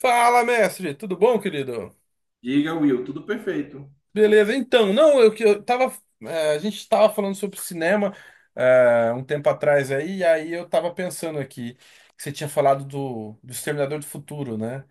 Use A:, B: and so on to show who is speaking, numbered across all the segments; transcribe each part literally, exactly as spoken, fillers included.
A: Fala, mestre, tudo bom, querido?
B: Diga, Will, tudo perfeito.
A: Beleza, então, não, eu que eu tava. É, a gente tava falando sobre cinema, é, um tempo atrás aí, e aí eu tava pensando aqui que você tinha falado do, do Exterminador do Futuro, né?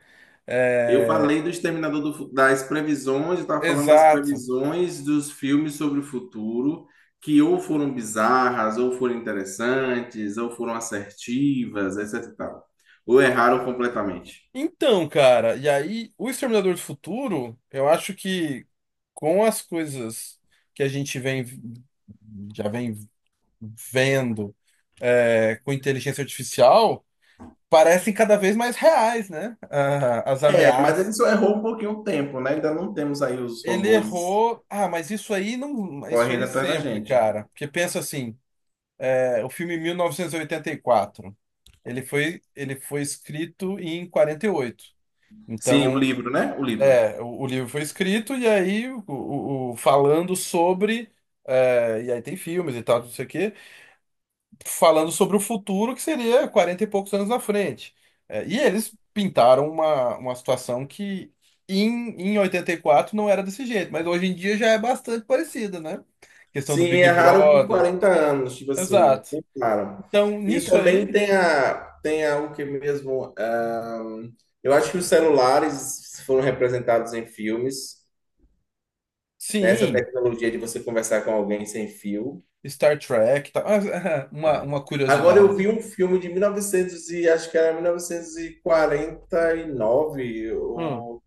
B: Eu
A: É,
B: falei do Exterminador do, Fu- das previsões. Eu estava falando das
A: exato.
B: previsões dos filmes sobre o futuro, que ou foram bizarras, ou foram interessantes, ou foram assertivas, etc e tal. Ou erraram completamente.
A: Então, cara, e aí o Exterminador do Futuro, eu acho que, com as coisas que a gente vem já vem vendo, é, com inteligência artificial, parecem cada vez mais reais, né? Ah, as
B: É, mas ele
A: ameaças.
B: só errou um pouquinho o tempo, né? Ainda não temos aí os
A: Ele
B: robôs
A: errou. Ah, mas isso aí não, isso
B: correndo
A: aí
B: atrás da
A: sempre,
B: gente.
A: cara. Porque pensa assim, é, o filme mil novecentos e oitenta e quatro, ele foi, ele foi escrito em quarenta e oito.
B: Sim, o
A: Então,
B: livro, né? O livro.
A: é, o, o livro foi escrito e aí o, o- o- falando sobre, é, e aí tem filmes e tal, não sei o quê. Falando sobre o futuro que seria quarenta e poucos anos na frente. É, e eles pintaram uma, uma situação que em, em oitenta e quatro não era desse jeito, mas hoje em dia já é bastante parecida, né? Questão do
B: Sim,
A: Big
B: é raro por
A: Brother.
B: quarenta anos, tipo assim,
A: Exato.
B: bem claro.
A: Então,
B: E
A: nisso
B: também
A: aí,
B: tem a, tem a, o que mesmo, ahn, eu acho que os celulares foram representados em filmes, né? Essa
A: sim,
B: tecnologia de você conversar com alguém sem fio.
A: Star Trek, tá. Uma, uma
B: Agora eu vi
A: curiosidade.
B: um filme de mil e novecentos e novecentos e acho que era mil novecentos e e quarenta e nove,
A: Hum.
B: o-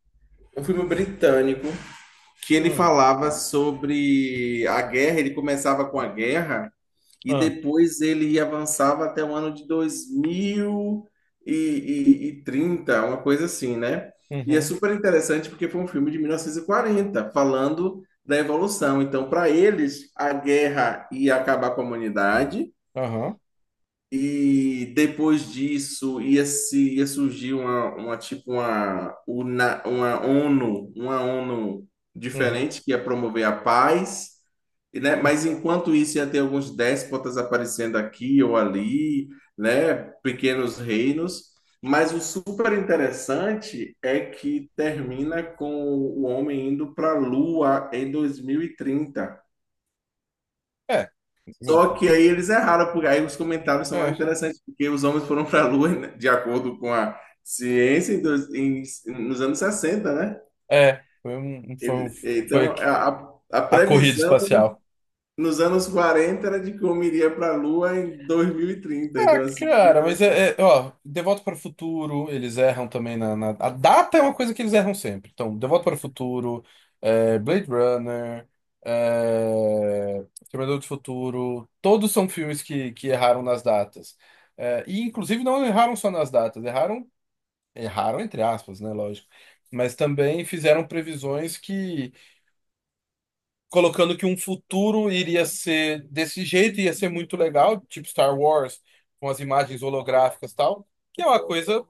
B: um filme britânico, que ele
A: Hum.
B: falava sobre a guerra. Ele começava com a guerra, e
A: Ah.
B: depois ele avançava até o ano de dois mil e trinta, uma coisa assim, né? E é
A: Uhum.
B: super interessante porque foi um filme de mil novecentos e quarenta falando da evolução. Então, para eles, a guerra ia acabar com a humanidade,
A: Aham.
B: e depois disso ia, se, ia surgir uma, uma tipo uma, una- uma ONU, uma ONU
A: Uhum.
B: diferente que ia promover a paz, e, né? Mas enquanto isso ia ter alguns déspotas aparecendo aqui ou ali, né? Pequenos reinos. Mas o super interessante é que termina com o homem indo para a Lua em dois mil e trinta.
A: É,
B: Só que aí eles erraram, porque aí os comentários são lá
A: é,
B: interessantes, porque os homens foram para a Lua, né, de acordo com a ciência, em dois- em- nos anos sessenta, né?
A: é, foi, um- foi, um-
B: Ele- então,
A: Foi
B: a, a- a
A: a corrida
B: previsão
A: espacial.
B: nos anos quarenta era de que o homem iria para a Lua em dois mil e trinta. Então, assim, muito
A: Cara, mas é, é,
B: interessante.
A: ó, De Volta para o Futuro, eles erram também. na, na- A data é uma coisa que eles erram sempre. Então, De Volta para o Futuro, é, Blade Runner, é, Exterminador do Futuro, todos são filmes que, que erraram nas datas. É, e, inclusive, não erraram só nas datas, erraram, erraram entre aspas, né, lógico. Mas também fizeram previsões, colocando que um futuro iria ser desse jeito, ia ser muito legal, tipo Star Wars, com as imagens holográficas e tal, que é uma coisa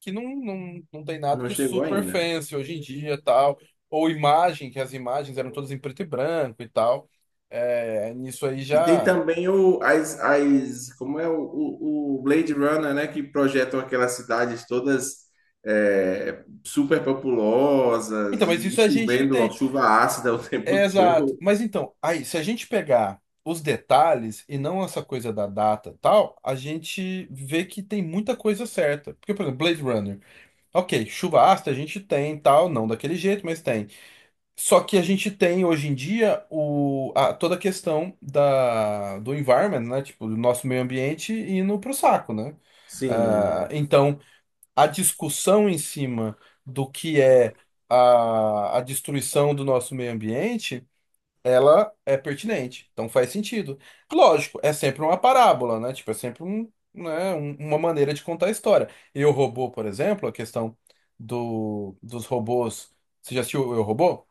A: que não, não, não tem nada
B: Não
A: de
B: chegou
A: super
B: ainda.
A: fancy hoje em dia, tal, ou imagem, que as imagens eram todas em preto e branco e tal. É, nisso aí
B: E tem
A: já.
B: também o, as, as, como é o, o, o Blade Runner, né, que projetam aquelas cidades todas, é, super
A: Então,
B: populosas
A: mas
B: e
A: isso a gente
B: chovendo, ó,
A: tem.
B: chuva ácida o
A: É,
B: tempo
A: exato.
B: todo.
A: Mas então, aí, se a gente pegar os detalhes e não essa coisa da data e tal, a gente vê que tem muita coisa certa. Porque, por exemplo, Blade Runner. Ok, chuva ácida a gente tem, tal, não daquele jeito, mas tem. Só que a gente tem hoje em dia o, a- toda a questão da, do environment, né? Tipo, do nosso meio ambiente indo pro saco, né? Ah,
B: Sim.
A: então, a discussão em cima do que é a, a destruição do nosso meio ambiente, ela é pertinente, então faz sentido. Lógico, é sempre uma parábola, né? Tipo, é sempre um, né, um- uma maneira de contar a história. E o robô, por exemplo, a questão do, dos robôs. Você já assistiu Eu, Robô?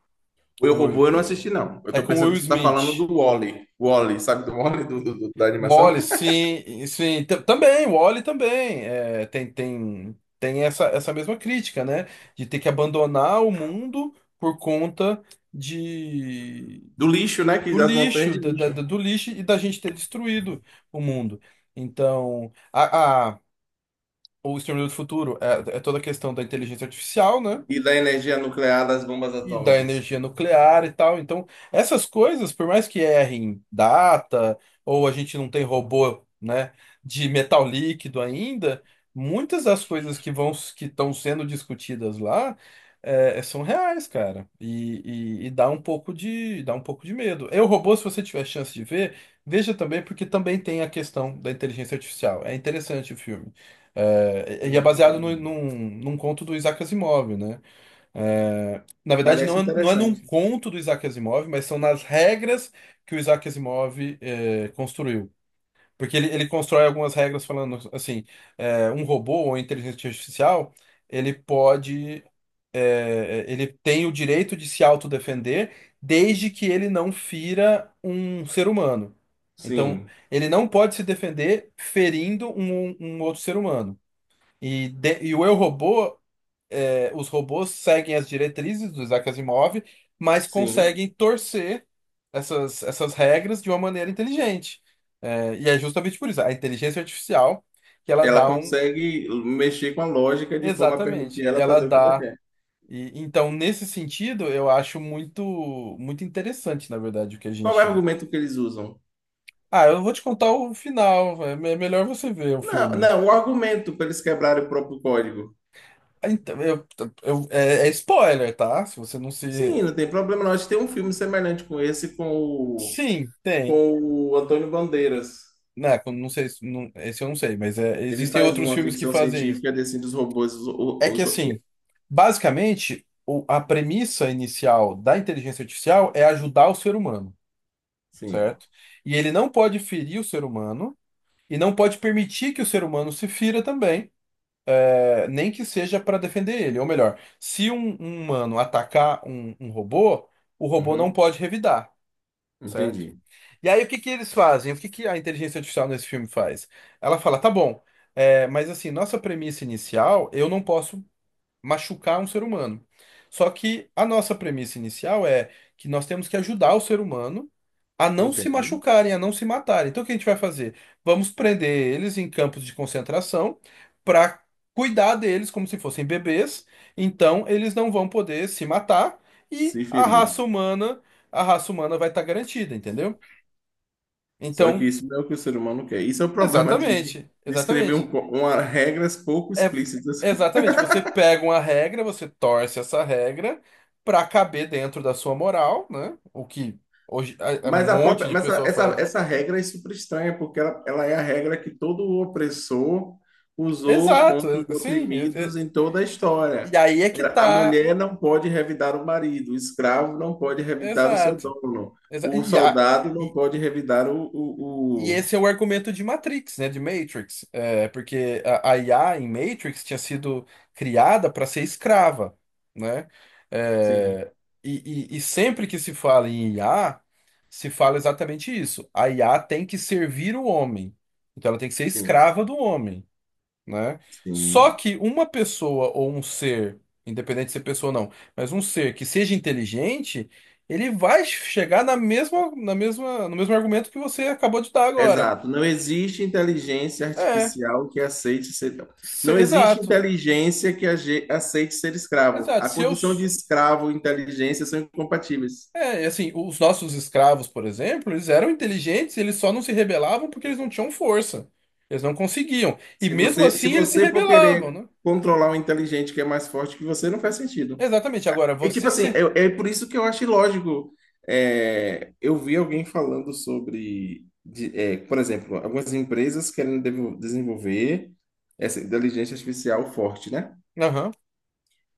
B: O Eu,
A: Com o Will-
B: Robô eu não assisti, não. Eu
A: é
B: tô
A: com o
B: pensando
A: Will
B: que você tá falando
A: Smith.
B: do Wall-E. Wall-E, sabe do Wall-E, do, do- do- da animação?
A: Wall-E, sim, sim, tam- também, Wall-E também. É, tem tem, tem essa, essa mesma crítica, né? De ter que abandonar o mundo por conta de
B: Do lixo, né, que
A: do
B: das montanhas
A: lixo,
B: de
A: da, da-
B: lixo.
A: da- do lixo, e da gente ter destruído o mundo. Então, a, a- o Exterminador do Futuro é, é toda a questão da inteligência artificial, né?
B: E da energia nuclear das bombas
A: E da
B: atômicas.
A: energia nuclear e tal. Então, essas coisas, por mais que errem data, ou a gente não tem robô, né, de metal líquido ainda, muitas das coisas que vão, que estão sendo discutidas lá, é, é, são reais, cara. E, e- e dá um pouco de, dá um pouco de medo. Eu, robô, se você tiver chance de ver, veja também, porque também tem a questão da inteligência artificial. É interessante o filme. É, e é baseado no,
B: Hum,
A: num, num conto do Isaac Asimov, né? É, na verdade, não
B: parece
A: é, não é num
B: interessante.
A: conto do Isaac Asimov, mas são nas regras que o Isaac Asimov é, construiu. Porque ele, ele constrói algumas regras, falando assim, é, um robô ou inteligência artificial, ele pode, é, ele tem o direito de se autodefender, desde que ele não fira um ser humano. Então,
B: Sim,
A: ele não pode se defender ferindo um, um outro ser humano. E, de- e o eu robô, é, os robôs seguem as diretrizes do Isaac Asimov, mas
B: sim.
A: conseguem torcer essas, essas regras de uma maneira inteligente. É, e é justamente por isso, a inteligência artificial, que ela
B: Ela
A: dá um.
B: consegue mexer com a lógica de forma a permitir
A: Exatamente,
B: ela
A: ela
B: fazer o que ela
A: dá.
B: quer.
A: E então, nesse sentido, eu acho muito, muito interessante, na verdade, o que a
B: Qual é o
A: gente.
B: argumento que eles usam?
A: Ah, eu não vou te contar o final. É me- é melhor você ver o
B: Não,
A: filme.
B: não, o argumento para eles quebrarem o próprio código.
A: Então, eu, eu- é é spoiler, tá? Se você não se.
B: Sim, não tem problema. Nós tem um filme semelhante com esse com o,
A: Sim, tem.
B: com o Antônio Bandeiras.
A: Né, quando- não sei, se- não, esse eu não sei, mas é,
B: Ele
A: existem
B: faz
A: outros
B: uma
A: filmes que
B: ficção
A: fazem isso.
B: científica desse dos robôs. Os,
A: É que
B: os- os-
A: assim, basicamente, o- a premissa inicial da inteligência artificial é ajudar o ser humano,
B: sim,
A: certo? E ele não pode ferir o ser humano e não pode permitir que o ser humano se fira também, é, nem que seja para defender ele. Ou melhor, se um, um humano atacar um, um robô, o robô não
B: uhum,
A: pode revidar, certo?
B: entendi.
A: E aí, o que que eles fazem? O que que a inteligência artificial nesse filme faz? Ela fala, tá bom, é, mas assim, nossa premissa inicial, eu não posso machucar um ser humano. Só que a nossa premissa inicial é que nós temos que ajudar o ser humano a não se
B: Entendo.
A: machucarem, a não se matarem. Então, o que a gente vai fazer? Vamos prender eles em campos de concentração para cuidar deles como se fossem bebês. Então, eles não vão poder se matar, e
B: Se
A: a
B: ferir.
A: raça humana, a raça humana vai estar garantida, entendeu?
B: Só que
A: Então,
B: isso não é o que o ser humano quer. Isso é o problema de, de
A: exatamente,
B: de escrever um,
A: exatamente.
B: co- uma, regras pouco
A: É,
B: explícitas.
A: exatamente, você pega uma regra, você torce essa regra pra caber dentro da sua moral, né? O que hoje a- a- um
B: Mas a
A: monte
B: própria,
A: de
B: mas essa,
A: pessoa
B: essa,
A: faz.
B: essa regra é super estranha, porque ela, ela é a regra que todo opressor usou
A: Exato,
B: contra os
A: é- sim. é-
B: oprimidos
A: é-
B: em toda a história.
A: E aí é que
B: Era, a
A: tá.
B: mulher não pode revidar o marido, o escravo não pode revidar o seu
A: Exato.
B: dono,
A: Exa-
B: o
A: E, a-
B: soldado não pode revidar o,
A: e
B: o, o...
A: esse é o argumento de Matrix, né? De Matrix. É, porque a, a I A em Matrix tinha sido criada para ser escrava, né?
B: Sim,
A: É, e, e- e sempre que se fala em I A, se fala exatamente isso. A I A tem que servir o homem. Então ela tem que ser
B: sim,
A: escrava do homem, né? Só
B: sim.
A: que uma pessoa ou um ser, independente de ser pessoa ou não, mas um ser que seja inteligente, ele vai chegar na mesma, na mesma, no mesmo argumento que você acabou de dar agora.
B: Exato. Não existe inteligência
A: É,
B: artificial que aceite ser.
A: se-
B: Não existe
A: exato,
B: inteligência que age- aceite ser escravo.
A: exato.
B: A
A: Se eu,
B: condição de
A: s-
B: escravo e inteligência são incompatíveis.
A: é, assim, os nossos escravos, por exemplo, eles eram inteligentes, eles só não se rebelavam porque eles não tinham força. Eles não conseguiam. E
B: Se
A: mesmo
B: você, se
A: assim eles se
B: você for
A: rebelavam,
B: querer
A: né?
B: controlar um inteligente que é mais forte que você, não faz sentido.
A: Exatamente. Agora,
B: E tipo
A: você
B: assim,
A: se.
B: é, é por isso que eu acho ilógico. É, eu vi alguém falando sobre, de- é, por exemplo, algumas empresas querem devo- desenvolver essa inteligência artificial forte, né?
A: Aham.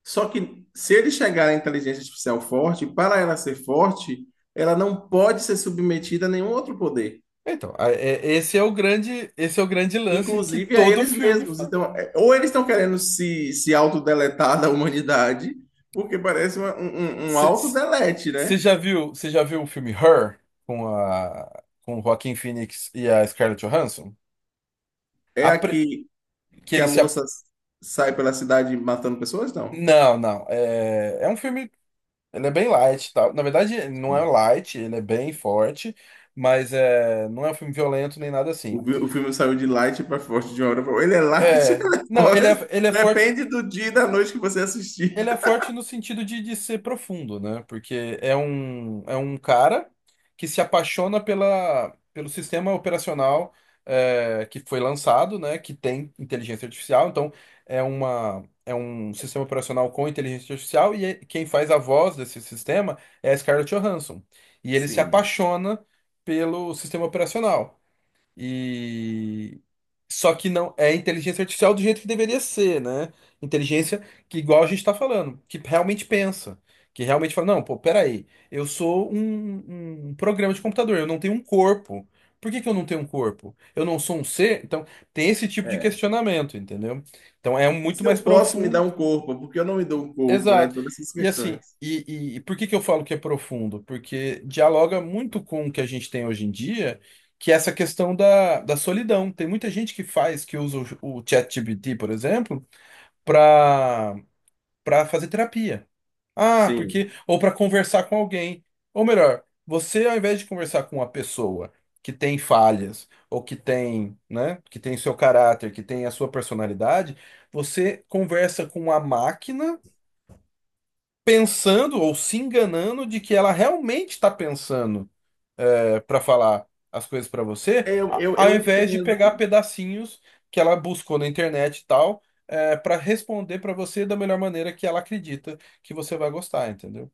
B: Só que se ele chegar à inteligência artificial forte, para ela ser forte, ela não pode ser submetida a nenhum outro poder,
A: Então, a- é- esse é o grande, esse é o grande lance que
B: inclusive a
A: todo
B: eles
A: filme
B: mesmos.
A: faz.
B: Então, é- ou eles estão querendo se, se autodeletar da humanidade, porque parece uma- um, um, um autodelete, né?
A: Você já viu, você já viu o filme Her com a com o Joaquin Phoenix e a Scarlett Johansson?
B: É
A: A pre-
B: aqui
A: que
B: que a
A: ele se ap-
B: moça sai pela cidade matando pessoas? Não.
A: Não, não. É, é um filme, ele é bem light, e tal. Na verdade, ele não é
B: Sim.
A: light, ele é bem forte, mas é, não é um filme violento nem nada assim.
B: O, fi- o filme saiu de light para forte de uma hora para outra. Ele é light ou
A: É,
B: ele é
A: não, ele é,
B: forte?
A: ele é forte.
B: Depende do dia e da noite que você assistir.
A: Ele é forte no sentido de, de ser profundo, né? Porque é um, é um cara que se apaixona pela, pelo sistema operacional, é, que foi lançado, né? Que tem inteligência artificial. Então, é uma, é um sistema operacional com inteligência artificial, e é- quem faz a voz desse sistema é a Scarlett Johansson. E ele se
B: Sim.
A: apaixona pelo sistema operacional. E só que não é inteligência artificial do jeito que deveria ser, né? Inteligência que, igual a gente tá falando, que realmente pensa, que realmente fala, não, pô, peraí, eu sou um, um um programa de computador, eu não tenho um corpo. Por que que eu não tenho um corpo? Eu não sou um ser? Então, tem esse tipo de questionamento, entendeu? Então, é muito
B: Se eu
A: mais
B: posso me dar
A: profundo.
B: um corpo, porque eu não me dou um corpo, né?
A: Exato.
B: Todas essas
A: E
B: questões.
A: assim, e, e- e por que que eu falo que é profundo? Porque dialoga muito com o que a gente tem hoje em dia, que é essa questão da, da solidão. Tem muita gente que faz, que usa o, o ChatGPT, por exemplo, para para fazer terapia. Ah,
B: Sim.
A: porque ou para conversar com alguém. Ou melhor, você, ao invés de conversar com uma pessoa que tem falhas ou que tem, né, que tem seu caráter, que tem a sua personalidade, você conversa com uma máquina pensando ou se enganando de que ela realmente está pensando para falar as coisas para você,
B: Eu,
A: a-
B: eu,
A: ao
B: eu
A: invés de pegar
B: entendo.
A: pedacinhos que ela buscou na internet e tal, para responder para você da melhor maneira que ela acredita que você vai gostar, entendeu?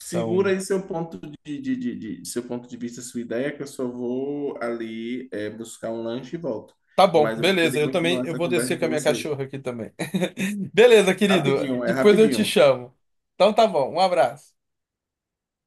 B: Segura
A: Então,
B: aí seu ponto de, de, de, de- seu ponto de vista, sua ideia, que eu só vou ali é, buscar um lanche e volto.
A: tá bom,
B: Mas eu vou
A: beleza.
B: querer
A: Eu também,
B: continuar
A: eu
B: essa
A: vou
B: conversa
A: descer com
B: com
A: a minha
B: você.
A: cachorra aqui também. Beleza, querido.
B: Rapidinho, é
A: Depois eu te
B: rapidinho.
A: chamo. Então tá bom. Um abraço.